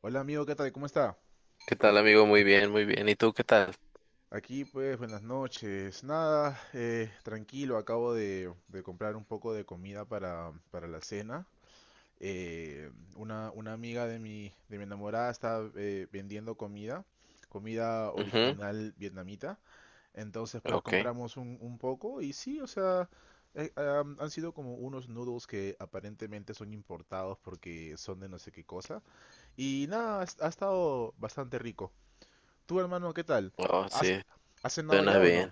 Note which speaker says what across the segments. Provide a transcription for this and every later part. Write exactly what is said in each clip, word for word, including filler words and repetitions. Speaker 1: Hola amigo, ¿qué tal? ¿Cómo está?
Speaker 2: ¿Qué tal, amigo? Muy bien, muy bien. ¿Y tú qué tal?
Speaker 1: Aquí pues buenas noches. Nada, eh, tranquilo, acabo de, de comprar un poco de comida para, para la cena. Eh, una, una amiga de mi, de mi enamorada está eh, vendiendo comida, comida
Speaker 2: Ujú,
Speaker 1: original vietnamita. Entonces pues
Speaker 2: ok.
Speaker 1: compramos un, un poco y sí, o sea, eh, am, han sido como unos noodles que aparentemente son importados porque son de no sé qué cosa. Y nada, ha ha estado bastante rico. Tú, hermano, ¿qué tal?
Speaker 2: Oh,
Speaker 1: ¿Has,
Speaker 2: sí,
Speaker 1: ¿has cenado
Speaker 2: suena
Speaker 1: ya o no?
Speaker 2: bien.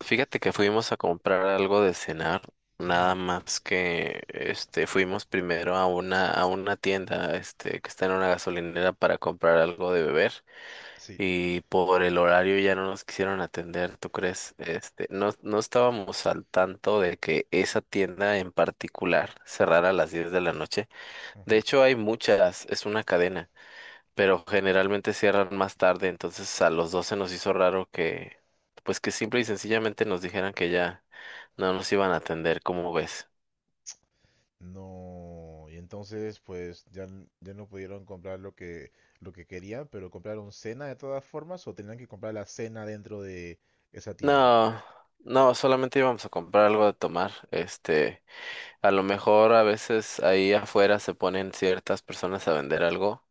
Speaker 2: Fíjate que fuimos a comprar algo de cenar, nada
Speaker 1: Ujú,
Speaker 2: más que este fuimos primero a una a una tienda este que está en una gasolinera para comprar algo de beber
Speaker 1: sí.
Speaker 2: y por el horario ya no nos quisieron atender, ¿tú crees? Este, no no estábamos al tanto de que esa tienda en particular cerrara a las diez de la noche. De
Speaker 1: Ujú.
Speaker 2: hecho, hay muchas, es una cadena. Pero generalmente cierran más tarde, entonces a los dos se nos hizo raro que, pues que simple y sencillamente nos dijeran que ya no nos iban a atender, ¿cómo ves?
Speaker 1: No, y entonces pues ya, n- ya no pudieron comprar lo que lo que querían, pero compraron cena de todas formas o tenían que comprar la cena dentro de esa tienda.
Speaker 2: No, no, solamente íbamos a comprar algo de tomar, este, a lo mejor a veces ahí afuera se ponen ciertas personas a vender algo.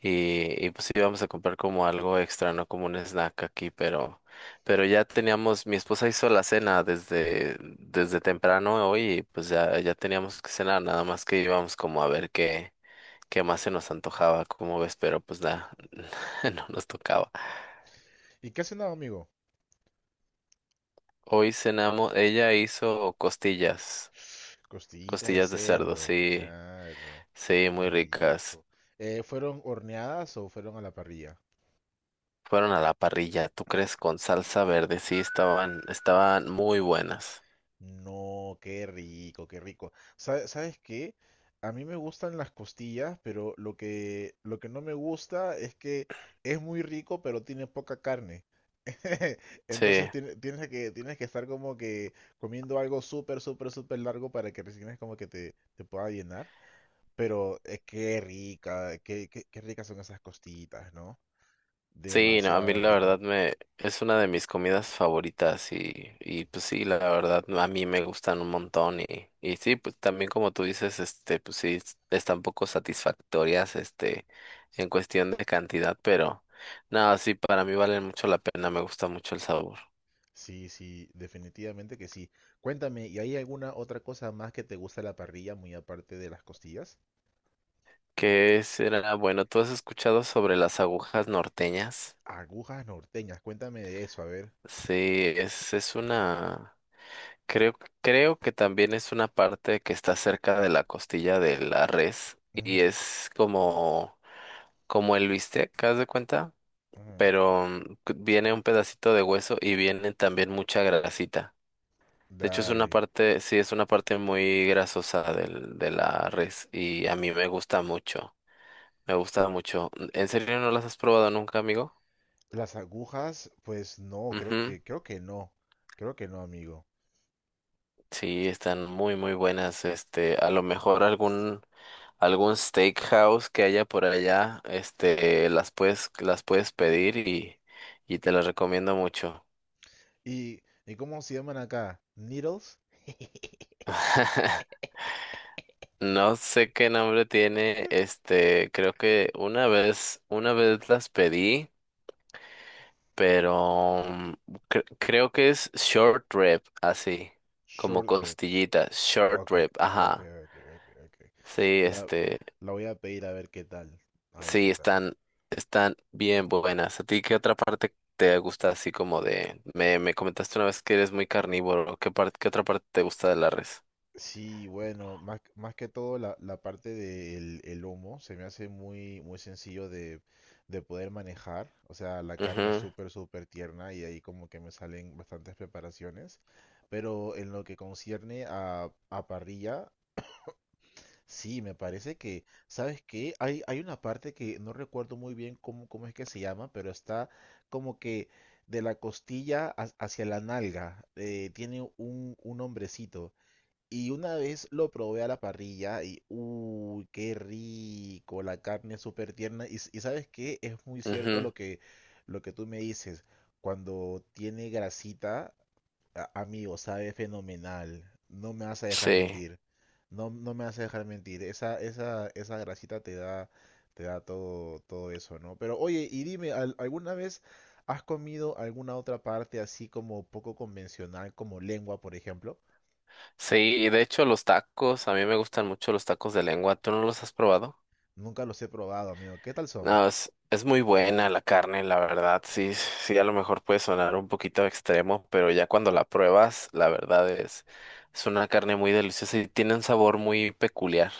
Speaker 2: Y, y pues íbamos a comprar como algo extra, ¿no? Como un snack aquí, pero, pero ya teníamos, mi esposa hizo la cena desde, desde temprano hoy y pues ya, ya teníamos que cenar, nada más que íbamos como a ver qué, qué más se nos antojaba, como ves, pero pues nada, no nos tocaba.
Speaker 1: ¿Y qué has cenado, amigo?
Speaker 2: Hoy cenamos, ella hizo costillas,
Speaker 1: Costillitas de
Speaker 2: costillas de cerdo,
Speaker 1: cerdo,
Speaker 2: sí,
Speaker 1: claro,
Speaker 2: sí,
Speaker 1: qué
Speaker 2: muy ricas.
Speaker 1: rico. Eh, ¿fueron horneadas o fueron a la parrilla?
Speaker 2: Fueron a la parrilla, ¿tú crees? Con salsa verde, sí, estaban, estaban muy buenas.
Speaker 1: No, qué rico, qué rico. Sa- ¿Sabes qué? A mí me gustan las costillas, pero lo que, lo que no me gusta es que es muy rico, pero tiene poca carne. Entonces
Speaker 2: Sí.
Speaker 1: tiene- tienes que, tienes que estar como que comiendo algo súper, súper, súper largo para que recién es como que te, te pueda llenar. Pero eh, qué rica, qué, qué, qué ricas son esas costillitas, ¿no?
Speaker 2: Sí, no, a mí
Speaker 1: Demasiado
Speaker 2: la
Speaker 1: rico.
Speaker 2: verdad me es una de mis comidas favoritas y, y pues sí, la verdad a mí me gustan un montón y, y sí, pues también como tú dices, este, pues sí, es- están poco satisfactorias, este, en cuestión de cantidad, pero no, sí, para mí valen mucho la pena, me gusta mucho el sabor.
Speaker 1: Sí, sí, definitivamente que sí. Cuéntame, ¿y hay alguna otra cosa más que te gusta de la parrilla, muy aparte de las costillas?
Speaker 2: ¿Qué será? Bueno, ¿tú has escuchado sobre las agujas norteñas?
Speaker 1: Agujas norteñas, cuéntame de eso, a ver.
Speaker 2: Sí, es, es una... Creo, creo que también es una parte que está cerca de la costilla de la res y
Speaker 1: Mm,
Speaker 2: es como, como el bistec, ¿haz de cuenta?
Speaker 1: mm,
Speaker 2: Pero mm, cu- viene un pedacito de hueso y viene también mucha grasita. De hecho, es una
Speaker 1: dale.
Speaker 2: parte, sí, es una parte muy grasosa del, de la res y a mí me gusta mucho. Me gusta mucho. ¿En serio no las has probado nunca, amigo?
Speaker 1: Las agujas, pues no, creo
Speaker 2: Ujú.
Speaker 1: que, creo que no. Creo que no, amigo.
Speaker 2: Sí, están muy, muy buenas. Este, a lo mejor algún algún steakhouse que haya por allá, este, las puedes, las puedes pedir y, y te las recomiendo mucho.
Speaker 1: ¿Y, y cómo se llaman acá? Needles?
Speaker 2: No sé qué nombre tiene, este, creo que una vez, una vez las pedí, pero mm, cre- creo que es short rib, así, como
Speaker 1: Short rib.
Speaker 2: costillita, short
Speaker 1: Ok,
Speaker 2: rib,
Speaker 1: ok,
Speaker 2: ajá.
Speaker 1: ok, ok, ok.
Speaker 2: Sí,
Speaker 1: La,
Speaker 2: este.
Speaker 1: la voy a pedir a ver qué tal. A ver
Speaker 2: Sí,
Speaker 1: qué tal.
Speaker 2: están, están bien buenas. ¿A ti qué otra parte te gusta así como de... Me, me comentaste una vez que eres muy carnívoro. ¿Qué parte, qué otra parte te gusta de la res?
Speaker 1: Sí, bueno, más, más que todo la, la parte del el humo se me hace muy, muy sencillo de, de poder manejar. O sea, la carne es
Speaker 2: Mhm,
Speaker 1: súper, súper tierna y ahí como que me salen bastantes preparaciones. Pero en lo que concierne a, a parrilla, sí, me parece que, ¿sabes qué? Hay, hay una parte que no recuerdo muy bien cómo, cómo es que se llama, pero está como que de la costilla ha- hacia la nalga. Eh, tiene un, un hombrecito. Y una vez lo probé a la parrilla y, uy, qué rico, la carne es súper tierna. Y, s- y sabes qué, es muy cierto
Speaker 2: mhm,
Speaker 1: lo que, lo que tú me dices. Cuando tiene grasita, a- amigo, sabe fenomenal. No me vas a dejar
Speaker 2: sí.
Speaker 1: mentir. No, no me vas a dejar mentir. Esa, esa, esa grasita te da, te da todo, todo eso, ¿no? Pero oye, y dime, ¿al- ¿alguna vez has comido alguna otra parte así como poco convencional, como lengua, por ejemplo?
Speaker 2: Sí, y de hecho los tacos, a mí me gustan mucho los tacos de lengua. ¿Tú no los has probado?
Speaker 1: Nunca los he probado, amigo. ¿Qué tal son?
Speaker 2: No, es, es muy buena la carne, la verdad. Sí, sí, a lo mejor puede sonar un poquito extremo, pero ya cuando la pruebas, la verdad es, es una carne muy deliciosa y tiene un sabor muy peculiar.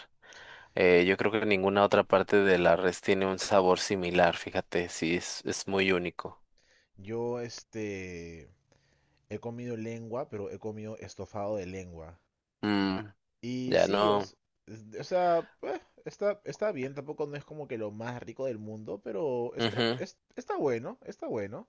Speaker 2: Eh, yo creo que ninguna otra parte de la res tiene un sabor similar, fíjate, sí, es, es muy único.
Speaker 1: Yo, este, he comido lengua, pero he comido estofado de lengua.
Speaker 2: Mm,
Speaker 1: Y
Speaker 2: ya
Speaker 1: sí,
Speaker 2: no.
Speaker 1: os- es- o sea, eh, está, está bien, tampoco no es como que lo más rico del mundo, pero está,
Speaker 2: Ujú.
Speaker 1: es- está bueno, está bueno.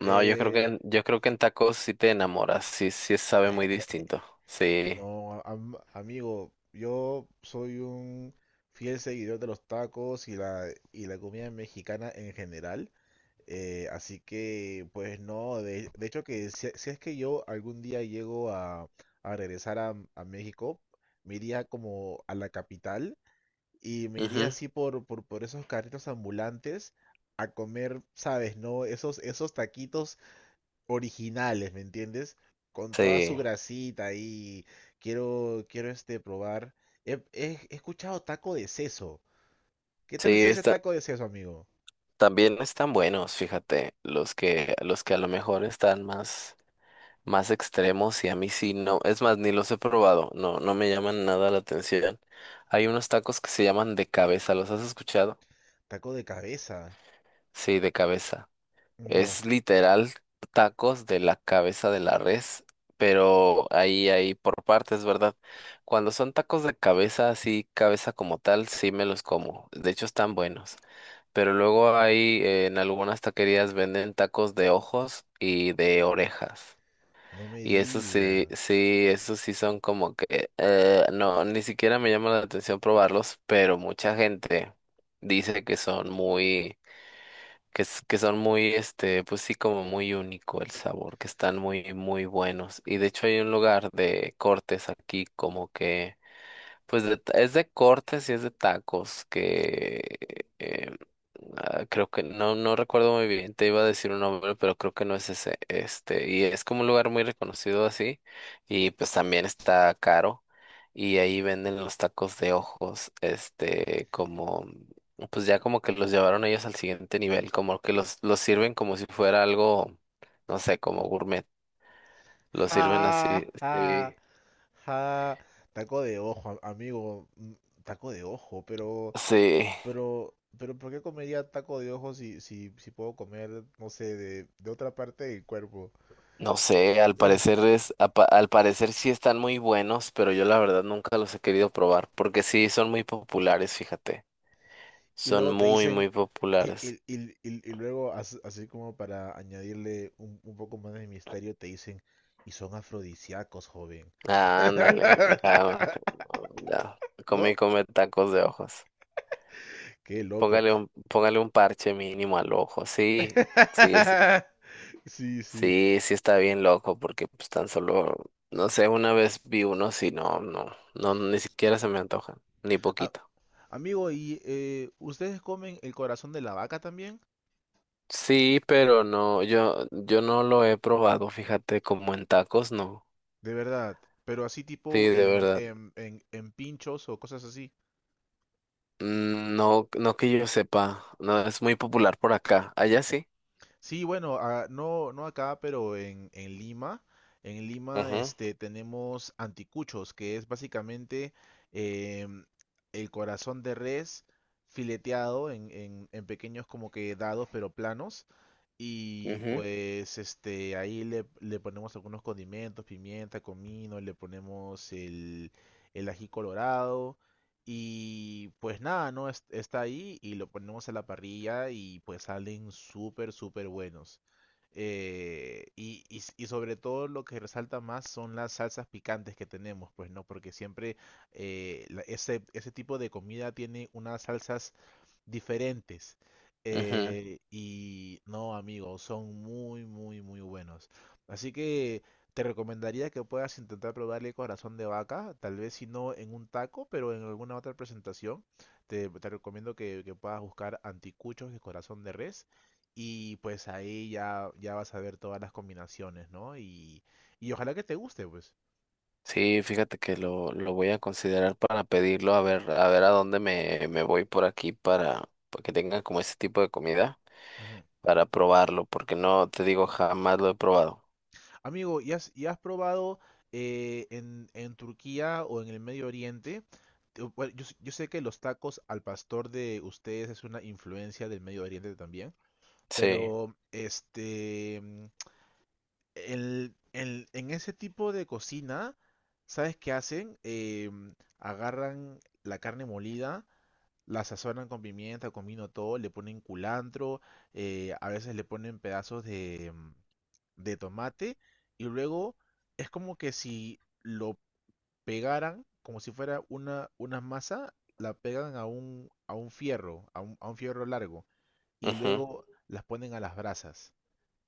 Speaker 2: No, yo creo que
Speaker 1: Eh,
Speaker 2: en- yo creo que en tacos sí te enamoras, sí, sí sabe muy distinto. Sí.
Speaker 1: no, am- amigo, yo soy un fiel seguidor de los tacos y la, y la comida mexicana en general. Eh, así que, pues no, de, de hecho que si, si es que yo algún día llego a, a regresar a, a México, me iría como a la capital y me iría
Speaker 2: Ujú.
Speaker 1: así por, por, por esos carritos ambulantes a comer, ¿sabes? ¿No? Esos, esos taquitos originales, ¿me entiendes? Con toda su
Speaker 2: Sí.
Speaker 1: grasita y quiero, quiero este, probar. He, he- he escuchado taco de seso. ¿Qué
Speaker 2: Sí,
Speaker 1: tal es ese
Speaker 2: está,
Speaker 1: taco de seso, amigo?
Speaker 2: también están buenos, fíjate, los que los que a lo mejor están más más extremos y a mí sí no, es más ni los he probado, no no me llaman nada la atención. Hay unos tacos que se llaman de cabeza, ¿los has escuchado?
Speaker 1: Taco de cabeza.
Speaker 2: Sí, de cabeza.
Speaker 1: No.
Speaker 2: Es literal tacos de la cabeza de la res, pero ahí, ahí por partes, ¿verdad? Cuando son tacos de cabeza, así cabeza como tal, sí me los como. De hecho, están buenos. Pero luego ahí en algunas taquerías venden tacos de ojos y de orejas.
Speaker 1: No me
Speaker 2: Y eso sí,
Speaker 1: digas.
Speaker 2: sí, esos sí son como que, eh, no, ni siquiera me llama la atención probarlos, pero mucha gente dice que son muy que, es que son muy, este, pues sí, como muy único el sabor, que están muy, muy buenos. Y de hecho hay un lugar de cortes aquí como que... Pues de ta- es de cortes y es de tacos, que eh, ah, creo que no, no recuerdo muy bien, te iba a decir un nombre, pero creo que no es ese, este, y es como un lugar muy reconocido así, y pues también está caro, y ahí venden los tacos de ojos, este, como, pues ya como que los llevaron ellos al siguiente nivel, como que los, los sirven como si fuera algo, no sé, como gourmet, los sirven así.
Speaker 1: Ja, ja,
Speaker 2: Sí.
Speaker 1: ja. Taco de ojo, am- amigo. mm, Taco de ojo, pero,
Speaker 2: Sí,
Speaker 1: pero, pero, ¿por qué comería taco de ojo si, si, si puedo comer, no sé, de, de otra parte del cuerpo?
Speaker 2: no sé, al parecer es, apa- al parecer sí están muy buenos, pero yo la verdad nunca los he querido probar, porque sí son muy populares, fíjate.
Speaker 1: Y
Speaker 2: Son
Speaker 1: luego te
Speaker 2: muy,
Speaker 1: dicen,
Speaker 2: muy
Speaker 1: y,
Speaker 2: populares.
Speaker 1: y- y- y- y luego, as- así como para añadirle un, un poco más de misterio, te dicen, y son afrodisíacos, joven.
Speaker 2: Ah, ándale. Ah, ya. Come y
Speaker 1: ¿No?
Speaker 2: come tacos de ojos.
Speaker 1: Qué loco.
Speaker 2: Póngale un, póngale un parche mínimo al ojo. Sí, sí, sí.
Speaker 1: Sí, sí.
Speaker 2: Sí, sí está bien loco, porque pues tan solo, no sé, una vez vi uno, sí, no, no, no, ni siquiera se me antojan, ni
Speaker 1: A-
Speaker 2: poquito.
Speaker 1: Amigo, ¿y eh, ustedes comen el corazón de la vaca también?
Speaker 2: Sí, pero no, yo, yo no lo he probado, fíjate, como en tacos, no.
Speaker 1: De verdad, pero así
Speaker 2: Sí,
Speaker 1: tipo
Speaker 2: de
Speaker 1: en,
Speaker 2: verdad.
Speaker 1: en, en, en pinchos o cosas así.
Speaker 2: Mm, No, no que yo sepa, no, es muy popular por acá. Allá sí.
Speaker 1: Sí, bueno, ah, no, no acá, pero en, en Lima, en Lima
Speaker 2: Ajá,
Speaker 1: este, tenemos anticuchos, que es básicamente em, el corazón de res fileteado en, en, en pequeños como que dados, pero planos. Y
Speaker 2: ajá,
Speaker 1: pues este, ahí le, le ponemos algunos condimentos, pimienta, comino, le ponemos el, el ají colorado y pues nada, ¿no? Es- Está ahí y lo ponemos a la parrilla y pues salen súper, súper buenos. Eh, y, y s- y sobre todo lo que resalta más son las salsas picantes que tenemos, pues, ¿no? Porque siempre eh, la- ese, ese tipo de comida tiene unas salsas diferentes.
Speaker 2: ajá.
Speaker 1: Eh, y no, amigos, son muy, muy, muy buenos. Así que te recomendaría que puedas intentar probarle corazón de vaca, tal vez si no en un taco, pero en alguna otra presentación. Te, te recomiendo que, que puedas buscar anticuchos de corazón de res y pues ahí ya, ya vas a ver todas las combinaciones, ¿no? Y, y ojalá que te guste, pues.
Speaker 2: Sí, fíjate que lo, lo voy a considerar para pedirlo, a ver, a ver a dónde me, me voy por aquí para, para que tengan como ese tipo de comida,
Speaker 1: Ujú.
Speaker 2: para probarlo, porque no, te digo, jamás lo he probado.
Speaker 1: Amigo, ¿y has, ¿y has probado eh, en, en Turquía o en el Medio Oriente? Te- bueno, yo, s- yo sé que los tacos al pastor de ustedes es una influencia del Medio Oriente también,
Speaker 2: Sí,
Speaker 1: pero este, mm, el- el- en ese tipo de cocina, ¿sabes qué hacen? Em, agarran la carne molida, la sazonan con pimienta, con vino, todo, le ponen culantro, eh, a veces le ponen pedazos de, mm, de tomate y luego es como que si lo pegaran, como si fuera una, una masa, la pegan a un, a un fierro, a un, a un fierro largo y
Speaker 2: ajá,
Speaker 1: luego las ponen a las brasas.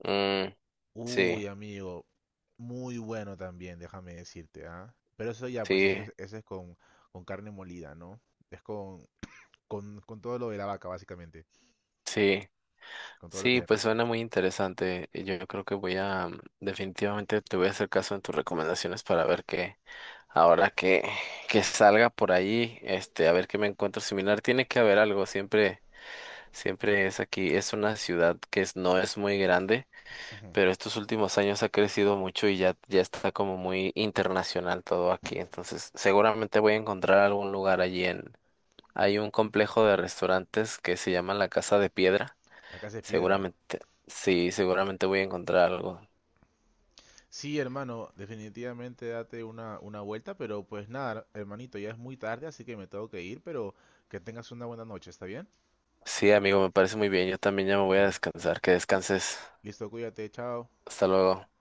Speaker 2: mm, sí,
Speaker 1: Uy, amigo, muy bueno también, déjame decirte, ¿ah? Pero eso ya, pues eso,
Speaker 2: sí,
Speaker 1: es- eso es con, con carne molida, ¿no? Es con, con, con todo lo de la vaca, básicamente.
Speaker 2: sí.
Speaker 1: Con todo lo que
Speaker 2: Sí,
Speaker 1: le
Speaker 2: pues
Speaker 1: resta.
Speaker 2: suena muy interesante. Y yo creo que voy a, definitivamente te voy a hacer caso en tus recomendaciones para ver qué, ahora que, que salga por ahí, este, a ver qué me encuentro similar. Tiene que haber algo, siempre, siempre es aquí. Es una ciudad que es- no es muy grande, pero estos últimos años ha crecido mucho y ya, ya está como muy internacional todo aquí. Entonces, seguramente voy a encontrar algún lugar allí en, hay un complejo de restaurantes que se llama La Casa de Piedra.
Speaker 1: La casa es piedra.
Speaker 2: Seguramente, sí, seguramente voy a encontrar algo.
Speaker 1: Sí, hermano, definitivamente date una, una vuelta, pero pues nada, hermanito, ya es muy tarde, así que me tengo que ir, pero que tengas una buena noche, ¿está bien?
Speaker 2: Sí, amigo, me parece muy bien. Yo también ya me voy a
Speaker 1: Dale.
Speaker 2: descansar. Que descanses.
Speaker 1: Listo, cuídate, chao.
Speaker 2: Hasta luego.